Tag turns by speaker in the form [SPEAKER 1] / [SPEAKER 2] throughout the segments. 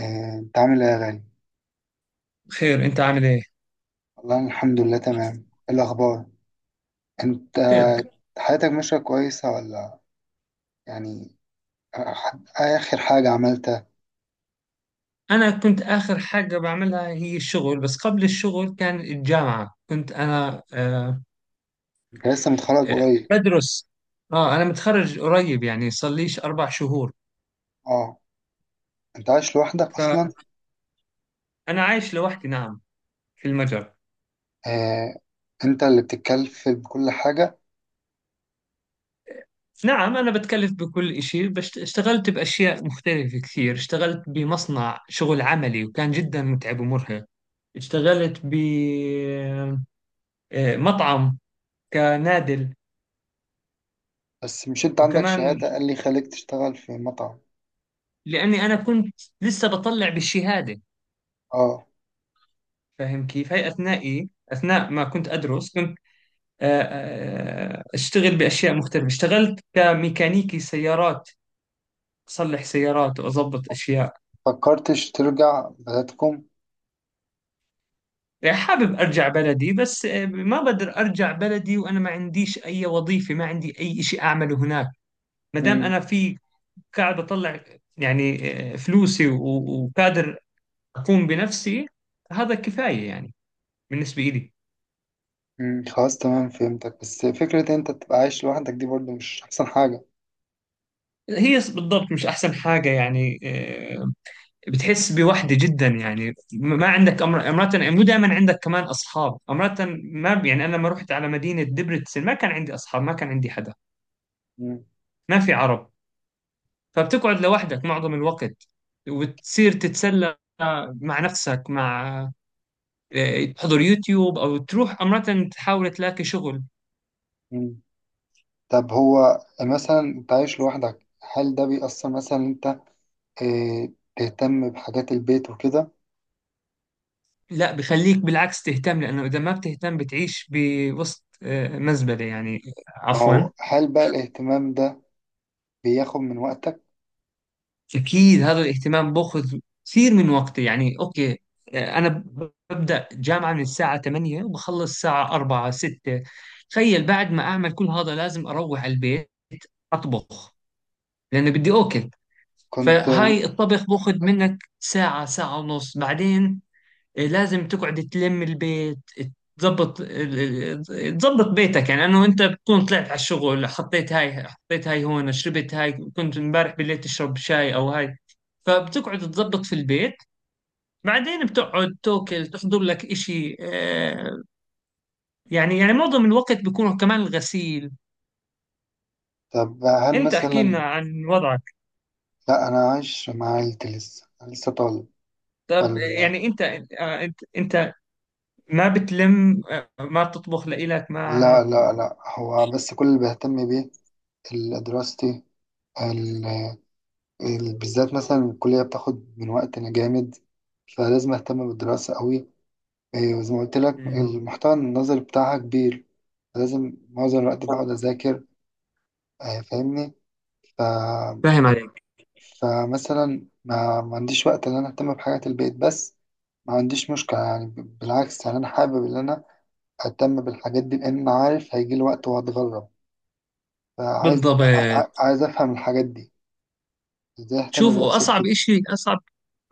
[SPEAKER 1] انت عامل ايه يا غالي؟
[SPEAKER 2] خير، انت عامل ايه؟
[SPEAKER 1] والله أنا الحمد لله تمام. إيه الاخبار؟ انت
[SPEAKER 2] خير.
[SPEAKER 1] حياتك ماشيه كويسه ولا يعني آه، اخر حاجه عملتها؟
[SPEAKER 2] انا كنت اخر حاجه بعملها هي الشغل، بس قبل الشغل كان الجامعه. كنت انا
[SPEAKER 1] انت لسه متخرج
[SPEAKER 2] آه،
[SPEAKER 1] قريب؟
[SPEAKER 2] بدرس. اه انا متخرج قريب، يعني صار ليش 4 شهور.
[SPEAKER 1] اه، انت عايش لوحدك اصلا؟
[SPEAKER 2] فانا عايش لوحدي، نعم. في المجر.
[SPEAKER 1] آه. انت اللي بتتكلف بكل حاجه؟
[SPEAKER 2] نعم، انا بتكلف بكل شيء، بس اشتغلت باشياء مختلفه كثير. اشتغلت بمصنع شغل عملي، وكان جدا متعب ومرهق. اشتغلت بمطعم كنادل.
[SPEAKER 1] بس مش انت عندك
[SPEAKER 2] وكمان
[SPEAKER 1] شهاده؟ قال لي خليك تشتغل في مطعم.
[SPEAKER 2] لأني أنا كنت لسه بطلع بالشهادة،
[SPEAKER 1] اه.
[SPEAKER 2] فاهم كيف؟ هاي أثناء ما كنت أدرس كنت أشتغل بأشياء مختلفة. اشتغلت كميكانيكي سيارات، أصلح سيارات وأضبط أشياء.
[SPEAKER 1] فكرتش ترجع بلدكم؟
[SPEAKER 2] يعني حابب أرجع بلدي، بس ما بقدر أرجع بلدي وأنا ما عنديش أي وظيفة، ما عندي أي إشي أعمله هناك. ما دام
[SPEAKER 1] امم.
[SPEAKER 2] أنا في، قاعد بطلع يعني فلوسي، وقادر أقوم بنفسي، هذا كفاية يعني بالنسبة إلي.
[SPEAKER 1] خلاص، تمام، فهمتك. بس فكره انت تبقى عايش لوحدك دي برضو مش احسن حاجه.
[SPEAKER 2] هي بالضبط مش احسن حاجه، يعني آه، بتحس بوحده جدا. يعني ما عندك امرات، مو دائما عندك كمان اصحاب امرات. ما يعني انا لما رحت على مدينه دبرتسن ما كان عندي اصحاب، ما كان عندي حدا،
[SPEAKER 1] امم.
[SPEAKER 2] ما في عرب. فبتقعد لوحدك معظم الوقت، وتصير تتسلى مع نفسك، مع تحضر يوتيوب او تروح امرات تحاول تلاقي شغل.
[SPEAKER 1] أمم. طب هو مثلا انت عايش لوحدك، هل ده بيأثر مثلا إن انت اه تهتم بحاجات البيت وكده؟
[SPEAKER 2] لا، بخليك بالعكس تهتم، لانه اذا ما بتهتم بتعيش بوسط مزبله، يعني.
[SPEAKER 1] ما
[SPEAKER 2] عفوا.
[SPEAKER 1] هو هل بقى الاهتمام ده بياخد من وقتك؟
[SPEAKER 2] أكيد هذا الاهتمام بأخذ كثير من وقتي. يعني أوكي، أنا ببدأ جامعة من الساعة 8 وبخلص الساعة 4 6. تخيل بعد ما أعمل كل هذا لازم أروح على البيت، أطبخ لأنه بدي أكل.
[SPEAKER 1] كنت
[SPEAKER 2] فهاي الطبخ بأخذ منك ساعة، ساعة ونص. بعدين إيه، لازم تقعد تلم البيت، تظبط تظبط بيتك. يعني انه انت بتكون طلعت على الشغل، حطيت هاي، حطيت هاي هون، شربت هاي، كنت امبارح بالليل تشرب شاي او هاي. فبتقعد تظبط في البيت، بعدين بتقعد توكل تحضر لك اشي. معظم الوقت بيكون كمان الغسيل.
[SPEAKER 1] طب هل
[SPEAKER 2] انت احكي لنا
[SPEAKER 1] مثلا،
[SPEAKER 2] عن وضعك.
[SPEAKER 1] لا انا عايش مع عيلتي، لسه أنا لسه طالب.
[SPEAKER 2] طب
[SPEAKER 1] بل
[SPEAKER 2] يعني انت، انت ما بتلم، ما بتطبخ لإلك،
[SPEAKER 1] لا،
[SPEAKER 2] ما...
[SPEAKER 1] لا، لا، هو بس كل اللي بيهتم بيه دراستي. ال... بالذات مثلا الكلية بتاخد من وقتنا جامد، فلازم اهتم بالدراسة قوي. إيه، زي ما قلت لك
[SPEAKER 2] مم.
[SPEAKER 1] المحتوى النظري بتاعها كبير، لازم معظم الوقت بقعد أذاكر. فاهمني. ف...
[SPEAKER 2] فاهم عليك،
[SPEAKER 1] فمثلا ما عنديش وقت إن أنا أهتم بحاجات البيت، بس ما عنديش مشكلة. يعني بالعكس، يعني أنا حابب إن أنا أهتم بالحاجات دي، لأن أنا عارف هيجي لي وقت وهتغرب، فعايز ع- ع-
[SPEAKER 2] بالضبط.
[SPEAKER 1] عايز أفهم الحاجات دي. إزاي أهتم
[SPEAKER 2] شوف،
[SPEAKER 1] بنفسي
[SPEAKER 2] واصعب اشي اصعب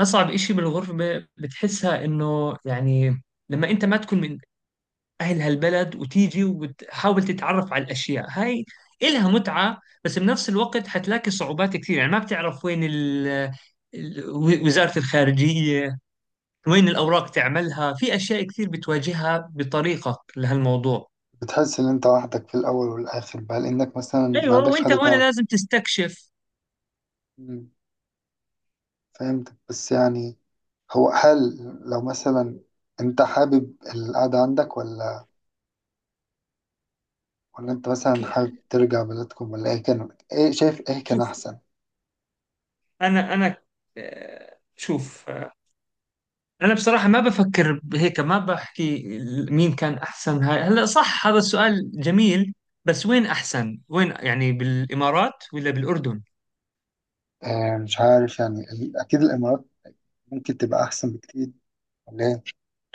[SPEAKER 2] اصعب اشي بالغربه، بتحسها انه يعني لما انت ما تكون من اهل هالبلد وتيجي وتحاول تتعرف على الاشياء هاي. إلها متعه بس بنفس الوقت حتلاقي صعوبات كثير. يعني ما بتعرف وين ال- وزاره الخارجيه، وين الاوراق تعملها. في اشياء كثير بتواجهها بطريقه لهالموضوع.
[SPEAKER 1] بتحس إن أنت وحدك في الأول والآخر بقى، لأنك مثلا ما
[SPEAKER 2] ايوه،
[SPEAKER 1] عندكش حد
[SPEAKER 2] وانت وانا لازم تستكشف.
[SPEAKER 1] تعرف. فهمتك، بس يعني هو هل لو مثلا انت حابب القعدة عندك، ولا انت
[SPEAKER 2] ك-
[SPEAKER 1] مثلا حابب ترجع بلدكم، ولا ايه كان؟ ايه شايف ايه كان
[SPEAKER 2] شوف،
[SPEAKER 1] احسن؟
[SPEAKER 2] انا شوف. انا بصراحه ما بفكر بهيك، ما بحكي مين كان احسن. هاي هلا صح، هذا السؤال جميل، بس وين احسن وين؟ يعني بالامارات ولا بالاردن؟
[SPEAKER 1] اه، مش عارف. يعني اكيد الامارات ممكن تبقى احسن بكتير، ولا ايه؟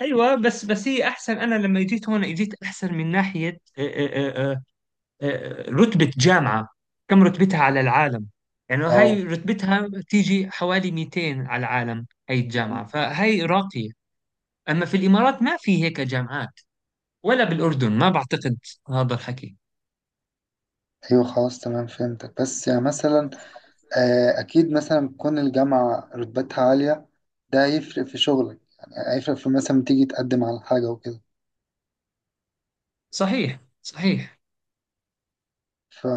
[SPEAKER 2] ايوه، بس هي احسن. انا لما جيت هون جيت احسن من ناحيه رتبه جامعه، كم رتبتها على العالم. يعني
[SPEAKER 1] اه.
[SPEAKER 2] هاي رتبتها تيجي حوالي 200 على العالم، هاي
[SPEAKER 1] مم.
[SPEAKER 2] الجامعه، فهاي راقيه. اما في الامارات ما في هيك جامعات، ولا بالاردن ما بعتقد هذا الحكي.
[SPEAKER 1] ايوه، خلاص، تمام، فهمتك. بس يعني مثلا، اه، اكيد مثلا تكون الجامعة رتبتها عالية، ده هيفرق في شغلك، يعني هيفرق في مثلا تيجي تقدم على حاجة وكده.
[SPEAKER 2] صحيح صحيح.
[SPEAKER 1] ف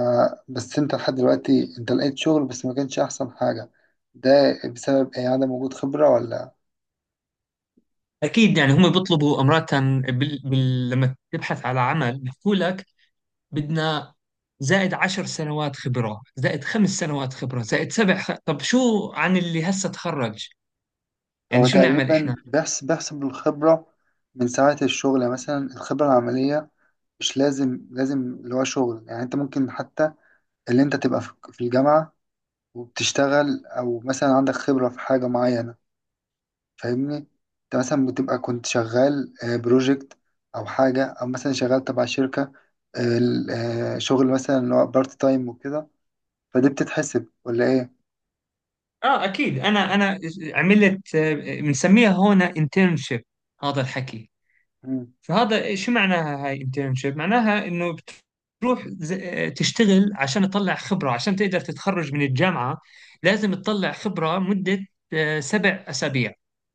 [SPEAKER 1] بس انت لحد دلوقتي انت لقيت شغل، بس ما كانش احسن حاجة. ده بسبب ايه؟ عدم وجود خبرة، ولا؟
[SPEAKER 2] أكيد، يعني هم بيطلبوا أمرة، لما تبحث على عمل بيحكوا لك: بدنا زائد 10 سنوات خبرة، زائد 5 سنوات خبرة، زائد طب شو عن اللي هسه تخرج؟ يعني
[SPEAKER 1] هو
[SPEAKER 2] شو نعمل إحنا؟
[SPEAKER 1] تقريبا بيحسب الخبرة من ساعة الشغل، يعني مثلا الخبرة العملية، مش لازم لازم اللي هو شغل. يعني انت ممكن حتى اللي انت تبقى في الجامعة وبتشتغل، او مثلا عندك خبرة في حاجة معينة. فاهمني؟ انت مثلا بتبقى كنت شغال بروجكت، او حاجة، او مثلا شغال تبع شركة، شغل مثلا اللي هو بارت تايم وكده. فدي بتتحسب ولا ايه؟
[SPEAKER 2] آه أكيد، أنا عملت بنسميها هون انترنشيب، هذا الحكي.
[SPEAKER 1] مم.
[SPEAKER 2] فهذا شو معناها هاي انترنشيب؟ معناها انه بتروح تشتغل عشان تطلع خبرة، عشان تقدر تتخرج من الجامعة. لازم تطلع خبرة مدة 7 أسابيع،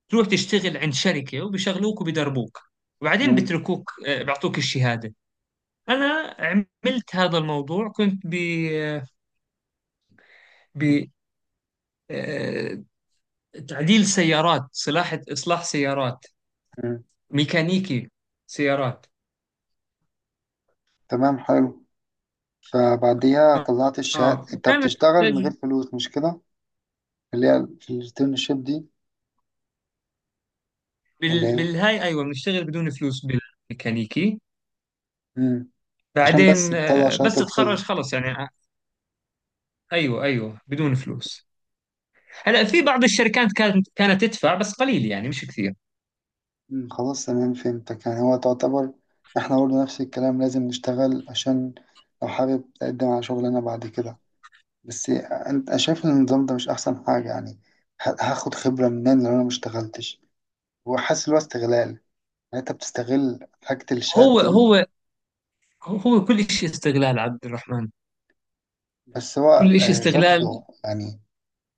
[SPEAKER 2] تروح تشتغل عند شركة وبيشغلوك وبيدربوك، وبعدين
[SPEAKER 1] مم.
[SPEAKER 2] بتركوك بيعطوك الشهادة. أنا عملت هذا الموضوع، كنت ب ب آه، تعديل سيارات، إصلاح سيارات،
[SPEAKER 1] مم.
[SPEAKER 2] ميكانيكي سيارات.
[SPEAKER 1] تمام، حلو. فبعديها
[SPEAKER 2] آه
[SPEAKER 1] طلعت الشهادة انت
[SPEAKER 2] وكانت
[SPEAKER 1] بتشتغل من غير فلوس، مش كده؟ اللي هي في الانترنشيب دي، ولا ايه؟
[SPEAKER 2] بالهاي، ايوه بنشتغل بدون فلوس، بالميكانيكي.
[SPEAKER 1] مم. عشان بس
[SPEAKER 2] بعدين
[SPEAKER 1] تطلع
[SPEAKER 2] بس
[SPEAKER 1] شهادة الخبرة.
[SPEAKER 2] تتخرج خلص، يعني ايوه ايوه بدون فلوس. هلا في بعض الشركات كانت تدفع بس قليل، يعني مش كثير.
[SPEAKER 1] مم. خلاص، تمام، فهمتك. يعني هو تعتبر احنا برضه نفس الكلام، لازم نشتغل عشان لو حابب تقدم على شغلنا بعد كده. بس انت، أنا شايف ان النظام ده مش احسن حاجة، يعني هاخد خبرة منين لو انا مشتغلتش؟ وحاسس ان هو استغلال، يعني انت بتستغل حاجة
[SPEAKER 2] هو
[SPEAKER 1] الشهادة
[SPEAKER 2] هو هو كل شيء استغلال، عبد الرحمن،
[SPEAKER 1] بس هو،
[SPEAKER 2] كل شيء استغلال.
[SPEAKER 1] برضه يعني،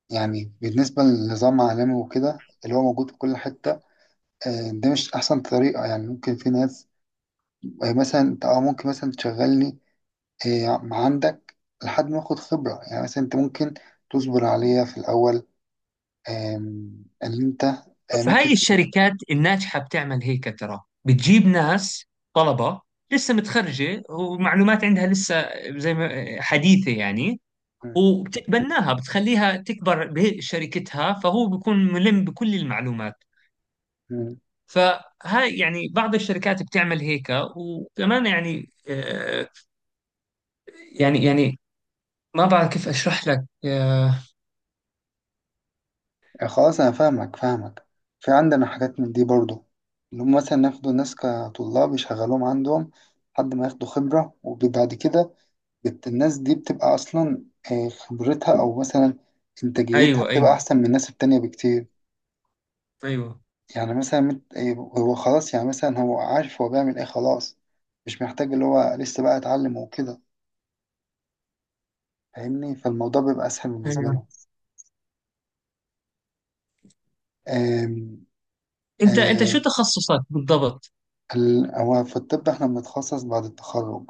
[SPEAKER 1] يعني بالنسبة للنظام العالمي وكده اللي هو موجود في كل حتة، ده مش أحسن طريقة. يعني ممكن في ناس، مثلا أنت ممكن مثلا تشغلني مع عندك، لحد ما آخد خبرة. يعني مثلا أنت ممكن تصبر عليا في الأول، اللي أنت
[SPEAKER 2] فهاي
[SPEAKER 1] ممكن.
[SPEAKER 2] الشركات الناجحة بتعمل هيك ترى، بتجيب ناس، طلبة لسه متخرجة ومعلومات عندها لسه زي ما حديثة يعني. وبتتبناها، بتخليها تكبر بشركتها، فهو بيكون ملم بكل المعلومات. فهاي يعني بعض الشركات بتعمل هيك. وكمان يعني يعني ما بعرف كيف اشرح لك
[SPEAKER 1] خلاص، انا فاهمك فاهمك. في عندنا حاجات من دي برضو، اللي هم مثلا ياخدوا ناس كطلاب يشغلوهم عندهم لحد ما ياخدوا خبرة، وبعد كده الناس دي بتبقى اصلا خبرتها، او مثلا انتاجيتها
[SPEAKER 2] ايوه
[SPEAKER 1] بتبقى
[SPEAKER 2] ايوه
[SPEAKER 1] احسن من الناس التانية بكتير.
[SPEAKER 2] ايوه.
[SPEAKER 1] يعني مثلا هو خلاص، يعني مثلا هو عارف هو بيعمل ايه، خلاص، مش محتاج اللي هو لسه بقى اتعلم وكده. فاهمني؟ فالموضوع بيبقى اسهل بالنسبة
[SPEAKER 2] ايوه
[SPEAKER 1] لهم. آم،
[SPEAKER 2] انت
[SPEAKER 1] آه،
[SPEAKER 2] شو تخصصك بالضبط؟
[SPEAKER 1] هو في الطب احنا بنتخصص بعد التخرج.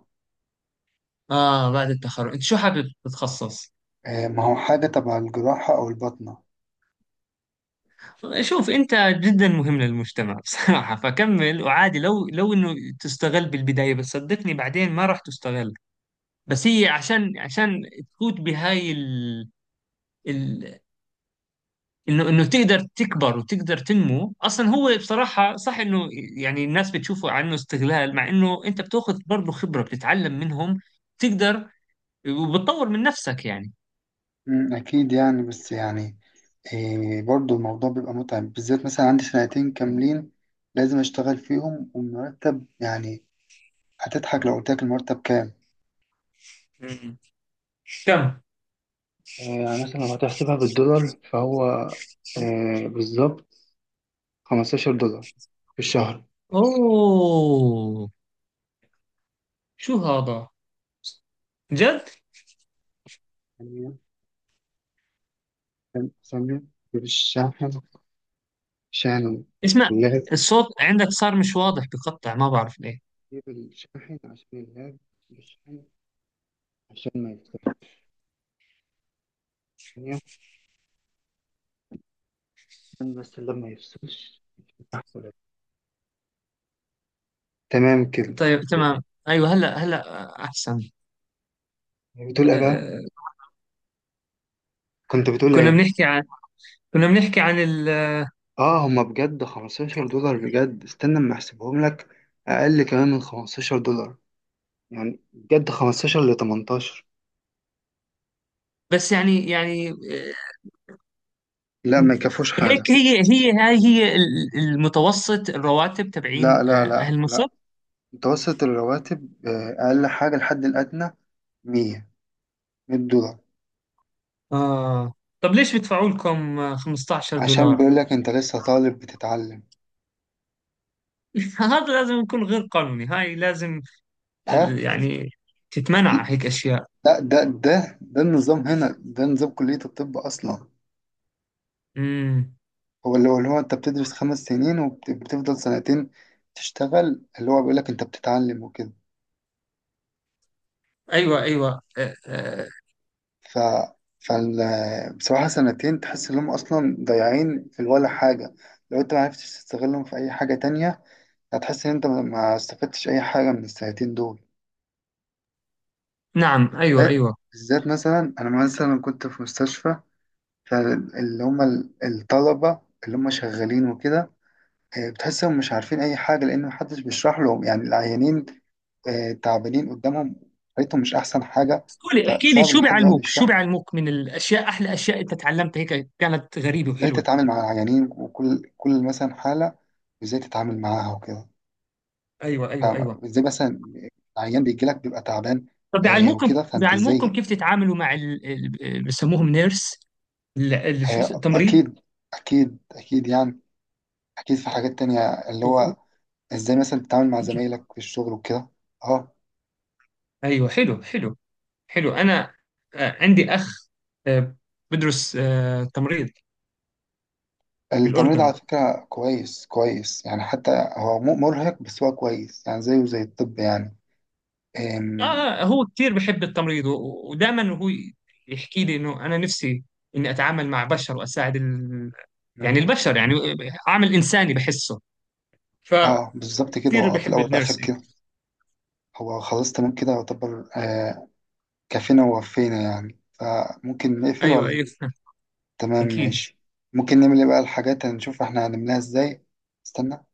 [SPEAKER 2] اه بعد التخرج انت شو حابب تتخصص؟
[SPEAKER 1] ما هو حاجة تبع الجراحة أو الباطنة.
[SPEAKER 2] شوف، انت جدا مهم للمجتمع بصراحة. فكمل، وعادي لو انه تستغل بالبداية، بس صدقني بعدين ما راح تستغل. بس هي عشان تفوت بهاي ال... انه تقدر تكبر وتقدر تنمو. اصلا هو بصراحه صح انه يعني الناس بتشوفه عنه استغلال، مع انه انت بتاخذ برضه خبره، بتتعلم منهم، تقدر وبتطور من نفسك يعني.
[SPEAKER 1] أكيد يعني، بس يعني برضو الموضوع بيبقى متعب، بالذات مثلا عندي سنتين كاملين لازم أشتغل فيهم، والمرتب يعني، هتضحك لو قلت لك المرتب كام.
[SPEAKER 2] مم. كم.
[SPEAKER 1] يعني مثلا لو هتحسبها بالدولار فهو بالظبط $15 في الشهر.
[SPEAKER 2] اوه، شو هذا؟ جد؟
[SPEAKER 1] يعني سمية، بالشاحن، شاحن
[SPEAKER 2] اسمع،
[SPEAKER 1] اللاب،
[SPEAKER 2] الصوت عندك صار مش واضح، بقطع، ما بعرف ليه.
[SPEAKER 1] جيب الشاحن عشان اللاب، بالشاحن عشان ما يفصلش، عشان بس اللاب ما يفصلش. تمام كده.
[SPEAKER 2] طيب تمام، ايوه هلا، هلا احسن.
[SPEAKER 1] بتقول ايه بقى؟
[SPEAKER 2] أه،
[SPEAKER 1] كنت بتقول
[SPEAKER 2] كنا
[SPEAKER 1] ايه؟
[SPEAKER 2] بنحكي عن، كنا بنحكي عن ال
[SPEAKER 1] اه، هما بجد $15، بجد استنى اما احسبهم لك. اقل كمان من $15، يعني بجد 15 ل 18.
[SPEAKER 2] بس يعني،
[SPEAKER 1] لا، ما يكفوش حاجة.
[SPEAKER 2] هيك، هي هي هاي هي ال- المتوسط الرواتب تبعين
[SPEAKER 1] لا، لا، لا،
[SPEAKER 2] أهل مصر.
[SPEAKER 1] لا. متوسط الرواتب اقل حاجة الحد الادنى 100، $100.
[SPEAKER 2] آه. طب ليش بدفعوا لكم 15
[SPEAKER 1] عشان
[SPEAKER 2] دولار؟
[SPEAKER 1] بيقول لك انت لسه طالب بتتعلم.
[SPEAKER 2] هذا لازم يكون غير قانوني، هاي لازم
[SPEAKER 1] ها؟
[SPEAKER 2] يعني تتمنع هيك أشياء.
[SPEAKER 1] لا، ده النظام هنا، ده نظام كلية الطب اصلا.
[SPEAKER 2] امم.
[SPEAKER 1] هو انت بتدرس خمس سنين وبتفضل سنتين تشتغل، اللي هو بيقول لك انت بتتعلم وكده.
[SPEAKER 2] أيوة أيوة، آه آه.
[SPEAKER 1] ف فال بصراحة سنتين تحس انهم اصلا ضايعين في ولا حاجة. لو انت ما عرفتش تستغلهم في اي حاجة تانية، هتحس ان انت ما استفدتش اي حاجة من السنتين دول.
[SPEAKER 2] نعم، أيوة
[SPEAKER 1] بالذات،
[SPEAKER 2] أيوة.
[SPEAKER 1] بالذات مثلا انا مثلا كنت في مستشفى، فاللي هم الطلبة اللي هم شغالين وكده، بتحسهم مش عارفين اي حاجة لان محدش بيشرح لهم يعني، العيانين تعبانين قدامهم، حياتهم مش أحسن حاجة.
[SPEAKER 2] قولي، احكي لي
[SPEAKER 1] فصعب إن
[SPEAKER 2] شو
[SPEAKER 1] حد يقعد
[SPEAKER 2] بيعلموك،
[SPEAKER 1] يشرح لك
[SPEAKER 2] من الأشياء، أحلى أشياء أنت تعلمتها هيك كانت غريبة
[SPEAKER 1] إزاي
[SPEAKER 2] وحلوة.
[SPEAKER 1] تتعامل مع العيانين، وكل مثلا حالة إزاي تتعامل معاها وكده،
[SPEAKER 2] أيوة أيوة أيوة.
[SPEAKER 1] فإزاي مثلا عيان بيجي لك بيبقى تعبان
[SPEAKER 2] طب بيعلموكم
[SPEAKER 1] وكده، فأنت
[SPEAKER 2] بيعلموكم
[SPEAKER 1] إزاي.
[SPEAKER 2] كيف تتعاملوا مع بيسموهم نيرس، التمريض.
[SPEAKER 1] أكيد، أكيد أكيد، يعني أكيد في حاجات تانية، اللي هو إزاي مثلا تتعامل مع زمايلك في الشغل وكده. أه.
[SPEAKER 2] ايوه حلو، حلو حلو. انا عندي اخ آه، بدرس تمريض
[SPEAKER 1] التمريض على
[SPEAKER 2] بالاردن.
[SPEAKER 1] فكرة كويس كويس يعني، حتى هو مرهق، بس هو كويس، يعني زيه زي الطب يعني.
[SPEAKER 2] اه، هو كثير بحب التمريض، ودائما هو يحكي لي انه انا نفسي اني اتعامل مع بشر واساعد يعني
[SPEAKER 1] أم،
[SPEAKER 2] البشر، يعني عامل انساني بحسه،
[SPEAKER 1] اه
[SPEAKER 2] فكثير
[SPEAKER 1] بالظبط كده، هو في
[SPEAKER 2] بحب
[SPEAKER 1] الأول والآخر
[SPEAKER 2] النيرسينج.
[SPEAKER 1] كده. هو خلاص تمام كده يعتبر، كفينا ووفينا، يعني فممكن نقفل
[SPEAKER 2] ايوه
[SPEAKER 1] ولا؟
[SPEAKER 2] ايوه
[SPEAKER 1] تمام،
[SPEAKER 2] اكيد.
[SPEAKER 1] ماشي. ممكن نعمل ايه بقى الحاجات؟ هنشوف احنا هنعملها ازاي. استنى.